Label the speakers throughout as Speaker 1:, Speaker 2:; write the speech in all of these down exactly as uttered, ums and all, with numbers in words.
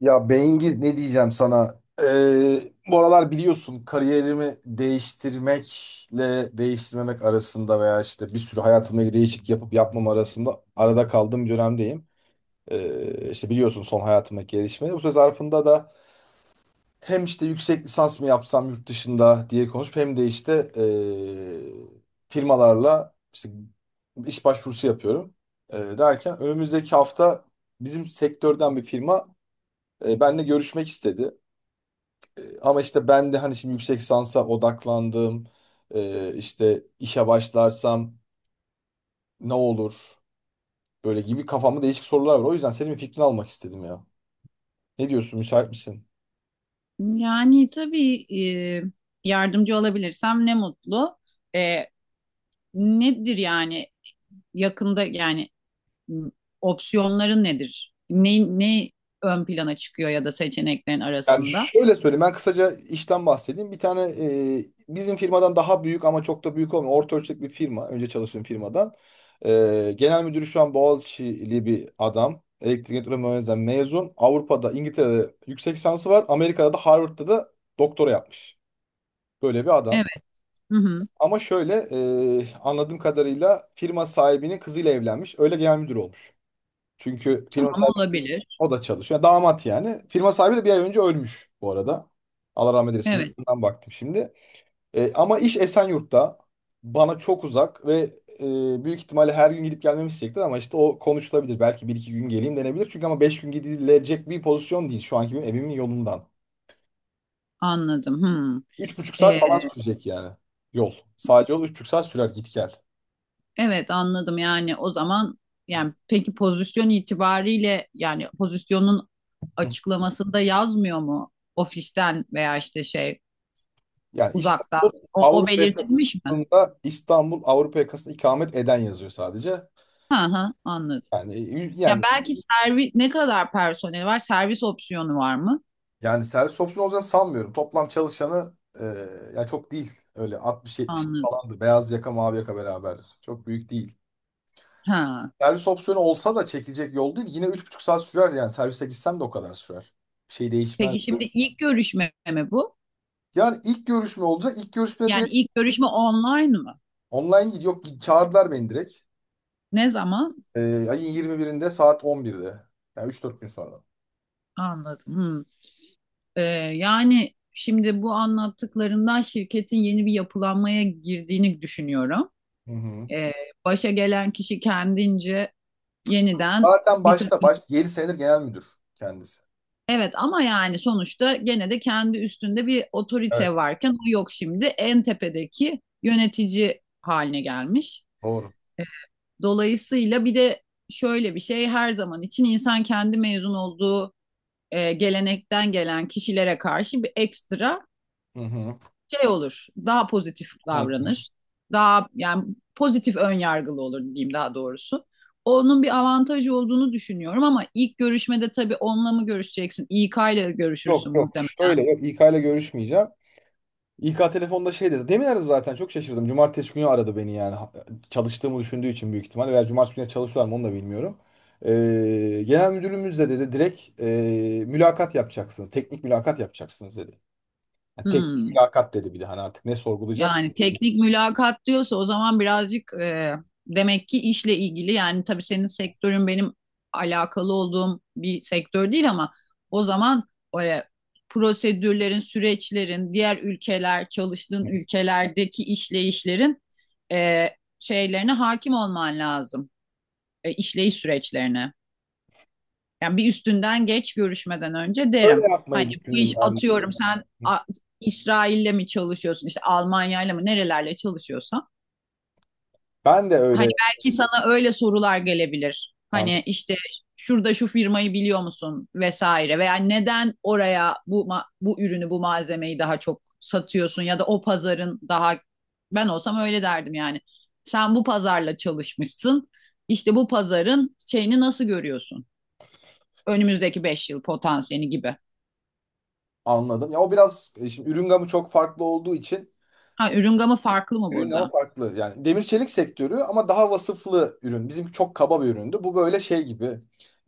Speaker 1: Ya Bengi ne diyeceğim sana? Ee, bu aralar biliyorsun kariyerimi değiştirmekle değiştirmemek arasında veya işte bir sürü hayatımla ilgili değişiklik yapıp yapmam arasında arada kaldığım bir dönemdeyim. Ee, işte biliyorsun son hayatımdaki gelişmeleri. Bu süre zarfında da hem işte yüksek lisans mı yapsam yurt dışında diye konuşup hem de işte ee, firmalarla işte iş başvurusu yapıyorum. Ee, derken önümüzdeki hafta bizim sektörden bir firma e, benimle görüşmek istedi. Ee, Ama işte ben de hani şimdi yüksek lisansa odaklandım. Ee, işte işe başlarsam ne olur? Böyle gibi kafamda değişik sorular var. O yüzden senin bir fikrini almak istedim ya. Ne diyorsun? Müsait misin?
Speaker 2: Yani tabii e, yardımcı olabilirsem ne mutlu. E, nedir yani yakında yani m, opsiyonların nedir? Ne, ne ön plana çıkıyor ya da seçeneklerin
Speaker 1: Yani
Speaker 2: arasında?
Speaker 1: şöyle söyleyeyim. Ben kısaca işten bahsedeyim. Bir tane e, bizim firmadan daha büyük ama çok da büyük olmayan orta ölçekli bir firma. Önce çalıştığım firmadan. Ee, genel müdürü şu an Boğaziçi'li bir adam. Elektrik elektronik mühendisliğinden mezun. Avrupa'da, İngiltere'de yüksek lisansı var. Amerika'da da Harvard'da da doktora yapmış. Böyle bir adam.
Speaker 2: Evet. Hı hı.
Speaker 1: Ama şöyle e, anladığım kadarıyla firma sahibinin kızıyla evlenmiş. Öyle genel müdür olmuş. Çünkü firma
Speaker 2: Tamam
Speaker 1: sahibi
Speaker 2: olabilir.
Speaker 1: o da çalışıyor. Yani damat yani. Firma sahibi de bir ay önce ölmüş bu arada. Allah rahmet eylesin.
Speaker 2: Evet,
Speaker 1: Yıkımdan baktım şimdi. E, ama iş Esenyurt'ta. Bana çok uzak ve e, büyük ihtimalle her gün gidip gelmemi isteyecektir ama işte o konuşulabilir. Belki bir iki gün geleyim denebilir. Çünkü ama beş gün gidilecek bir pozisyon değil şu anki benim evimin yolundan.
Speaker 2: anladım. Hı.
Speaker 1: Üç buçuk saat falan sürecek yani yol. Sadece yol üç buçuk saat sürer git gel.
Speaker 2: Evet, anladım, yani o zaman yani peki pozisyon itibariyle yani pozisyonun açıklamasında yazmıyor mu ofisten veya işte şey
Speaker 1: Yani İstanbul
Speaker 2: uzaktan o, o
Speaker 1: Avrupa
Speaker 2: belirtilmiş mi?
Speaker 1: yakasında İstanbul Avrupa yakasında ikamet eden yazıyor sadece.
Speaker 2: Hı hı, anladım.
Speaker 1: Yani
Speaker 2: Yani
Speaker 1: yani
Speaker 2: belki servis, ne kadar personel var, servis opsiyonu var mı?
Speaker 1: yani servis opsiyonu olacağını sanmıyorum. Toplam çalışanı e, yani çok değil. Öyle altmış yetmiş
Speaker 2: Anladım.
Speaker 1: falandı. Beyaz yaka mavi yaka beraber. Çok büyük değil.
Speaker 2: Ha.
Speaker 1: Servis opsiyonu olsa da çekilecek yol değil. Yine üç buçuk saat sürer yani. Servise gitsem de o kadar sürer. Bir şey değişmez.
Speaker 2: Peki şimdi ilk görüşme mi bu?
Speaker 1: Yani ilk görüşme olacak. İlk görüşme
Speaker 2: Yani
Speaker 1: direkt
Speaker 2: ilk görüşme online mı?
Speaker 1: online değil. Yok, çağırdılar beni direkt.
Speaker 2: Ne zaman?
Speaker 1: E, ayın yirmi birinde saat on birde. Yani üç dört gün sonra.
Speaker 2: Anladım. Hı. Ee, Yani şimdi bu anlattıklarından şirketin yeni bir yapılanmaya girdiğini düşünüyorum.
Speaker 1: Hı hı.
Speaker 2: Ee, Başa gelen kişi kendince yeniden
Speaker 1: Zaten
Speaker 2: bir
Speaker 1: başta
Speaker 2: takım.
Speaker 1: başta yedi senedir genel müdür kendisi.
Speaker 2: Evet, ama yani sonuçta gene de kendi üstünde bir
Speaker 1: Evet.
Speaker 2: otorite varken o yok şimdi. En tepedeki yönetici haline gelmiş.
Speaker 1: Doğru.
Speaker 2: Dolayısıyla bir de şöyle bir şey, her zaman için insan kendi mezun olduğu e, gelenekten gelen kişilere karşı bir ekstra
Speaker 1: Hı hı.
Speaker 2: şey olur, daha pozitif
Speaker 1: Hı.
Speaker 2: davranır. Daha yani pozitif ön yargılı olur diyeyim, daha doğrusu. Onun bir avantajı olduğunu düşünüyorum ama ilk görüşmede tabii onunla mı görüşeceksin? İK ile
Speaker 1: Yok,
Speaker 2: görüşürsün
Speaker 1: yok,
Speaker 2: muhtemelen.
Speaker 1: şöyle yok, İK ile görüşmeyeceğim. İK telefonda şey dedi. Demin aradı zaten, çok şaşırdım. Cumartesi günü aradı beni yani. Ha- Çalıştığımı düşündüğü için büyük ihtimalle, veya cumartesi günü çalışıyorlar mı onu da bilmiyorum. Ee, genel müdürümüz de dedi direkt, e, mülakat yapacaksınız. Teknik mülakat yapacaksınız dedi. Yani teknik
Speaker 2: Hmm.
Speaker 1: mülakat dedi, bir de hani artık ne sorgulayacaksak.
Speaker 2: Yani teknik mülakat diyorsa o zaman birazcık e, demek ki işle ilgili, yani tabii senin sektörün benim alakalı olduğum bir sektör değil ama o zaman e, prosedürlerin, süreçlerin, diğer ülkeler, çalıştığın ülkelerdeki işleyişlerin e, şeylerine hakim olman lazım. E, işleyiş süreçlerine. Yani bir üstünden geç görüşmeden önce derim.
Speaker 1: Öyle yapmayı
Speaker 2: Hani bu iş,
Speaker 1: düşündüm ben.
Speaker 2: atıyorum, sen A- İsrail'le mi çalışıyorsun, işte Almanya'yla mı, nerelerle çalışıyorsan.
Speaker 1: Ben de
Speaker 2: Hani
Speaker 1: öyle
Speaker 2: belki sana öyle sorular gelebilir. Hani işte şurada şu firmayı biliyor musun vesaire, veya neden oraya bu ma- bu ürünü bu malzemeyi daha çok satıyorsun ya da o pazarın daha, ben olsam öyle derdim yani. Sen bu pazarla çalışmışsın. İşte bu pazarın şeyini nasıl görüyorsun? Önümüzdeki beş yıl potansiyeli gibi.
Speaker 1: anladım. Ya o biraz e, şimdi ürün gamı çok farklı olduğu için
Speaker 2: Ha, ürün gamı farklı mı
Speaker 1: ürün gamı
Speaker 2: burada?
Speaker 1: farklı. Yani demir çelik sektörü ama daha vasıflı ürün. Bizimki çok kaba bir üründü. Bu böyle şey gibi.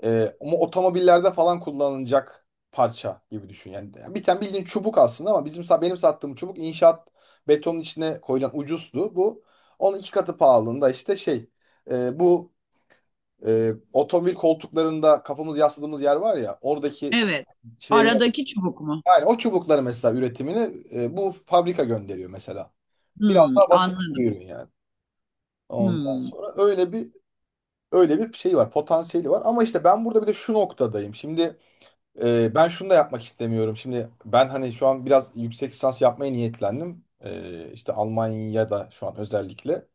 Speaker 1: e, Ama otomobillerde falan kullanılacak parça gibi düşün. Yani, yani bir tane bildiğin çubuk aslında ama bizim sa- benim sattığım çubuk inşaat betonun içine koyulan ucuzdu. Bu onun iki katı pahalılığında işte şey, e, bu e, otomobil koltuklarında kafamız yasladığımız yer var ya, oradaki
Speaker 2: Evet.
Speaker 1: şeyler.
Speaker 2: Aradaki çubuk mu?
Speaker 1: Yani o çubukları mesela üretimini e, bu fabrika gönderiyor mesela. Biraz
Speaker 2: Hmm,
Speaker 1: daha basit
Speaker 2: anladım.
Speaker 1: bir ürün yani. Ondan
Speaker 2: Hmm.
Speaker 1: sonra öyle bir öyle bir şey var, potansiyeli var. Ama işte ben burada bir de şu noktadayım. Şimdi e, ben şunu da yapmak istemiyorum. Şimdi ben hani şu an biraz yüksek lisans yapmaya niyetlendim. E, işte Almanya'da şu an özellikle.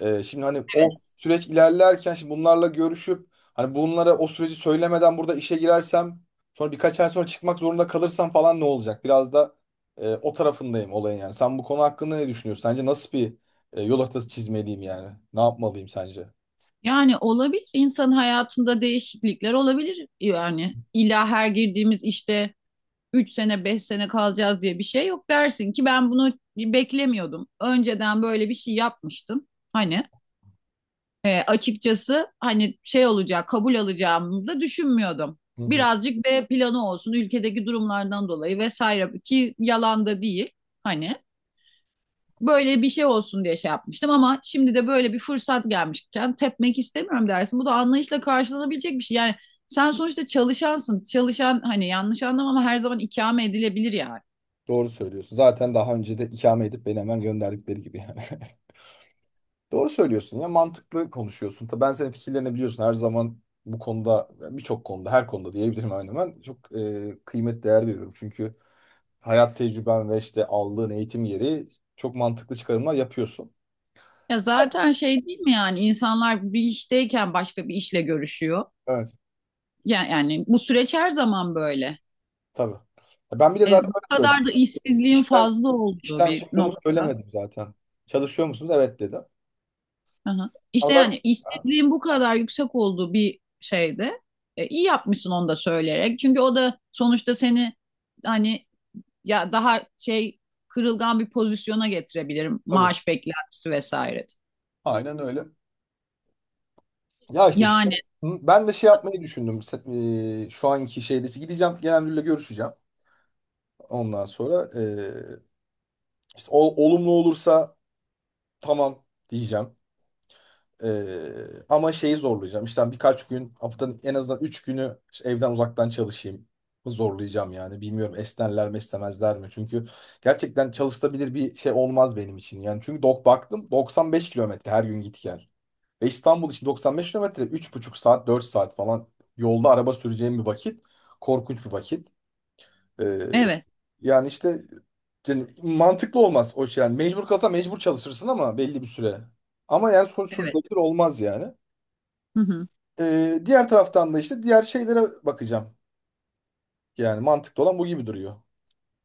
Speaker 1: Ee, şimdi hani o süreç ilerlerken şimdi bunlarla görüşüp hani bunlara o süreci söylemeden burada işe girersem sonra birkaç ay sonra çıkmak zorunda kalırsam falan ne olacak? Biraz da e, o tarafındayım olayın yani. Sen bu konu hakkında ne düşünüyorsun? Sence nasıl bir e, yol haritası çizmeliyim yani? Ne yapmalıyım sence?
Speaker 2: Yani olabilir. İnsan hayatında değişiklikler olabilir. Yani illa her girdiğimiz işte üç sene beş sene kalacağız diye bir şey yok, dersin ki ben bunu beklemiyordum. Önceden böyle bir şey yapmıştım. Hani e, açıkçası, hani şey olacak, kabul alacağımı da düşünmüyordum.
Speaker 1: Hı hı.
Speaker 2: Birazcık B planı olsun, ülkedeki durumlardan dolayı vesaire, ki yalan da değil. Hani böyle bir şey olsun diye şey yapmıştım ama şimdi de böyle bir fırsat gelmişken tepmek istemiyorum dersin. Bu da anlayışla karşılanabilecek bir şey. Yani sen sonuçta çalışansın. Çalışan, hani yanlış anlama, ama her zaman ikame edilebilir yani.
Speaker 1: Doğru söylüyorsun. Zaten daha önce de ikame edip beni hemen gönderdikleri gibi yani. Doğru söylüyorsun ya, mantıklı konuşuyorsun. Tabii ben senin fikirlerini biliyorsun, her zaman bu konuda, yani birçok konuda, her konuda diyebilirim, hemen hemen çok e, kıymet değer veriyorum. Çünkü hayat tecrüben ve işte aldığın eğitim gereği çok mantıklı çıkarımlar yapıyorsun.
Speaker 2: Ya zaten şey değil mi, yani insanlar bir işteyken başka bir işle görüşüyor.
Speaker 1: Evet,
Speaker 2: Yani, yani bu süreç her zaman böyle.
Speaker 1: tabii. Ya ben bile
Speaker 2: E,
Speaker 1: zaten
Speaker 2: bu
Speaker 1: öyle söyledim.
Speaker 2: kadar da işsizliğin
Speaker 1: İşten,
Speaker 2: fazla olduğu
Speaker 1: işten
Speaker 2: bir
Speaker 1: çıktığımı
Speaker 2: nokta.
Speaker 1: söylemedim zaten. Çalışıyor musunuz? Evet, dedim.
Speaker 2: Aha.
Speaker 1: Ama
Speaker 2: İşte
Speaker 1: zaten-
Speaker 2: yani
Speaker 1: Ha,
Speaker 2: istediğim bu kadar yüksek olduğu bir şeyde e, iyi yapmışsın onu da söyleyerek. Çünkü o da sonuçta seni hani ya daha şey kırılgan bir pozisyona getirebilirim.
Speaker 1: tabii.
Speaker 2: Maaş beklentisi vesaire.
Speaker 1: Aynen öyle. Ya işte
Speaker 2: Yani
Speaker 1: şu- ben de şey yapmayı düşündüm. Se- e, şu anki şeyde gideceğim, genel müdürle görüşeceğim. Ondan sonra eee, işte ol- olumlu olursa tamam diyeceğim. Eee, ama şeyi zorlayacağım. İşte hani birkaç gün, haftanın en azından üç günü işte evden uzaktan çalışayım. Zorlayacağım yani. Bilmiyorum, esnerler mi istemezler mi? Çünkü gerçekten çalışılabilir bir şey olmaz benim için. Yani çünkü dok baktım, doksan beş kilometre her gün git gel. Ve İstanbul için doksan beş kilometre üç buçuk saat dört saat falan yolda araba süreceğim bir vakit. Korkunç bir vakit. E,
Speaker 2: evet,
Speaker 1: Yani işte yani mantıklı olmaz o şey. Yani mecbur kalsa mecbur çalışırsın ama belli bir süre. Ama yani son
Speaker 2: evet.
Speaker 1: sürdürülebilir olmaz yani.
Speaker 2: Hı hı.
Speaker 1: Ee, diğer taraftan da işte diğer şeylere bakacağım. Yani mantıklı olan bu gibi duruyor.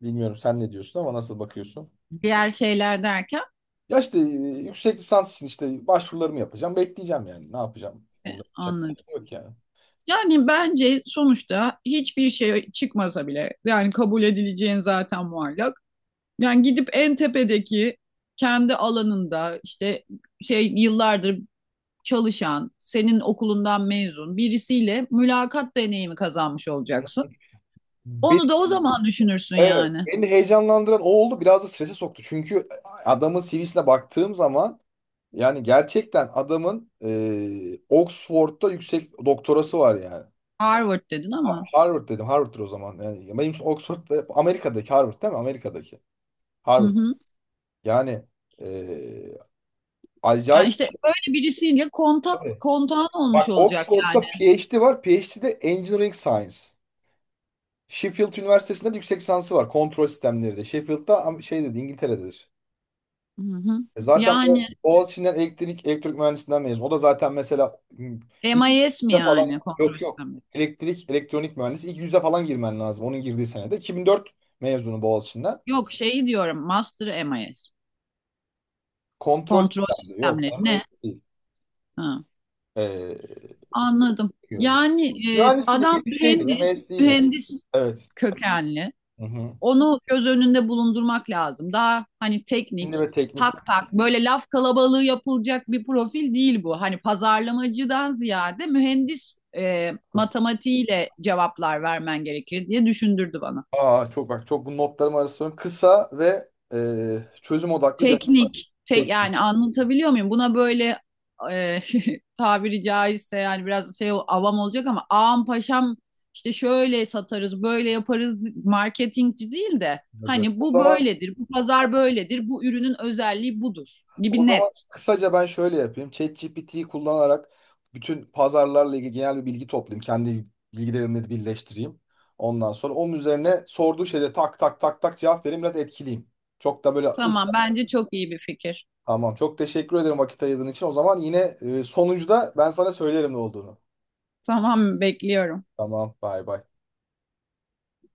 Speaker 1: Bilmiyorum, sen ne diyorsun ama nasıl bakıyorsun?
Speaker 2: Diğer şeyler derken
Speaker 1: Ya işte e, yüksek lisans için işte başvurularımı yapacağım. Bekleyeceğim yani. Ne yapacağım?
Speaker 2: e,
Speaker 1: Onları yapacak bir
Speaker 2: anladım.
Speaker 1: şey yok yani.
Speaker 2: Yani bence sonuçta hiçbir şey çıkmasa bile, yani kabul edileceğin zaten muallak. Yani gidip en tepedeki kendi alanında işte şey yıllardır çalışan, senin okulundan mezun birisiyle mülakat deneyimi kazanmış olacaksın. Onu da
Speaker 1: Beni,
Speaker 2: o zaman düşünürsün
Speaker 1: evet,
Speaker 2: yani.
Speaker 1: beni heyecanlandıran o oldu. Biraz da strese soktu. Çünkü adamın C V'sine baktığım zaman, yani gerçekten adamın e, Oxford'da yüksek doktorası var yani.
Speaker 2: Harvard dedin ama.
Speaker 1: Harvard dedim. Harvard'dır o zaman. Yani benim için Oxford'da Amerika'daki Harvard değil mi? Amerika'daki
Speaker 2: Hı
Speaker 1: Harvard.
Speaker 2: hı.
Speaker 1: Yani e,
Speaker 2: Yani
Speaker 1: acayip.
Speaker 2: işte böyle birisiyle kontak
Speaker 1: Tabii.
Speaker 2: kontağın olmuş
Speaker 1: Bak,
Speaker 2: olacak
Speaker 1: Oxford'da
Speaker 2: yani.
Speaker 1: PhD var. PhD'de Engineering Science. Sheffield Üniversitesi'nde de yüksek lisansı var. Kontrol sistemleri de. Sheffield'da am- şey dedi, İngiltere'dedir.
Speaker 2: Hı hı.
Speaker 1: E zaten bu
Speaker 2: Yani
Speaker 1: Boğaziçi'nden elektrik elektrik mühendisinden mezun. O da zaten mesela hmm, ilk
Speaker 2: M I S mi,
Speaker 1: yüze falan,
Speaker 2: yani kontrol
Speaker 1: yok yok.
Speaker 2: sistemi?
Speaker 1: Elektrik elektronik mühendisi ilk yüze falan girmen lazım. Onun girdiği senede iki bin dört mezunu Boğaziçi'nden.
Speaker 2: Yok, şeyi diyorum, Master m I s.
Speaker 1: Kontrol
Speaker 2: Kontrol
Speaker 1: sistemleri yok.
Speaker 2: sistemleri ne?
Speaker 1: M S D değil.
Speaker 2: Ha,
Speaker 1: Ee,
Speaker 2: anladım.
Speaker 1: diyorum. Yani.
Speaker 2: Yani e,
Speaker 1: Mühendislik değil
Speaker 2: adam
Speaker 1: bir şeydi.
Speaker 2: mühendis,
Speaker 1: M S D'ydi.
Speaker 2: mühendis
Speaker 1: Evet.
Speaker 2: kökenli.
Speaker 1: Hı hı.
Speaker 2: Onu göz önünde bulundurmak lazım. Daha hani
Speaker 1: Şimdi
Speaker 2: teknik,
Speaker 1: ve teknik
Speaker 2: tak tak böyle laf kalabalığı yapılacak bir profil değil bu. Hani pazarlamacıdan ziyade mühendis e,
Speaker 1: kısım.
Speaker 2: matematiğiyle cevaplar vermen gerekir diye düşündürdü bana.
Speaker 1: Aa çok bak, çok, bu notlarım arasında kısa ve e, çözüm odaklı cevap
Speaker 2: Teknik, tek
Speaker 1: teknik.
Speaker 2: yani, anlatabiliyor muyum? Buna böyle e, tabiri caizse yani biraz şey, avam olacak ama, ağam paşam işte şöyle satarız, böyle yaparız, marketingci değil de hani
Speaker 1: O
Speaker 2: bu
Speaker 1: zaman
Speaker 2: böyledir, bu pazar böyledir, bu ürünün özelliği budur
Speaker 1: O
Speaker 2: gibi
Speaker 1: zaman
Speaker 2: net.
Speaker 1: kısaca ben şöyle yapayım. ChatGPT'yi kullanarak bütün pazarlarla ilgili genel bir bilgi toplayayım. Kendi bilgilerimle birleştireyim. Ondan sonra onun üzerine sorduğu şeyde tak tak tak tak cevap vereyim. Biraz etkileyim. Çok da böyle uç-
Speaker 2: Tamam, bence çok iyi bir fikir.
Speaker 1: Tamam. Çok teşekkür ederim vakit ayırdığın için. O zaman yine e, sonucu ben sana söylerim ne olduğunu.
Speaker 2: Tamam, bekliyorum.
Speaker 1: Tamam. Bay bay.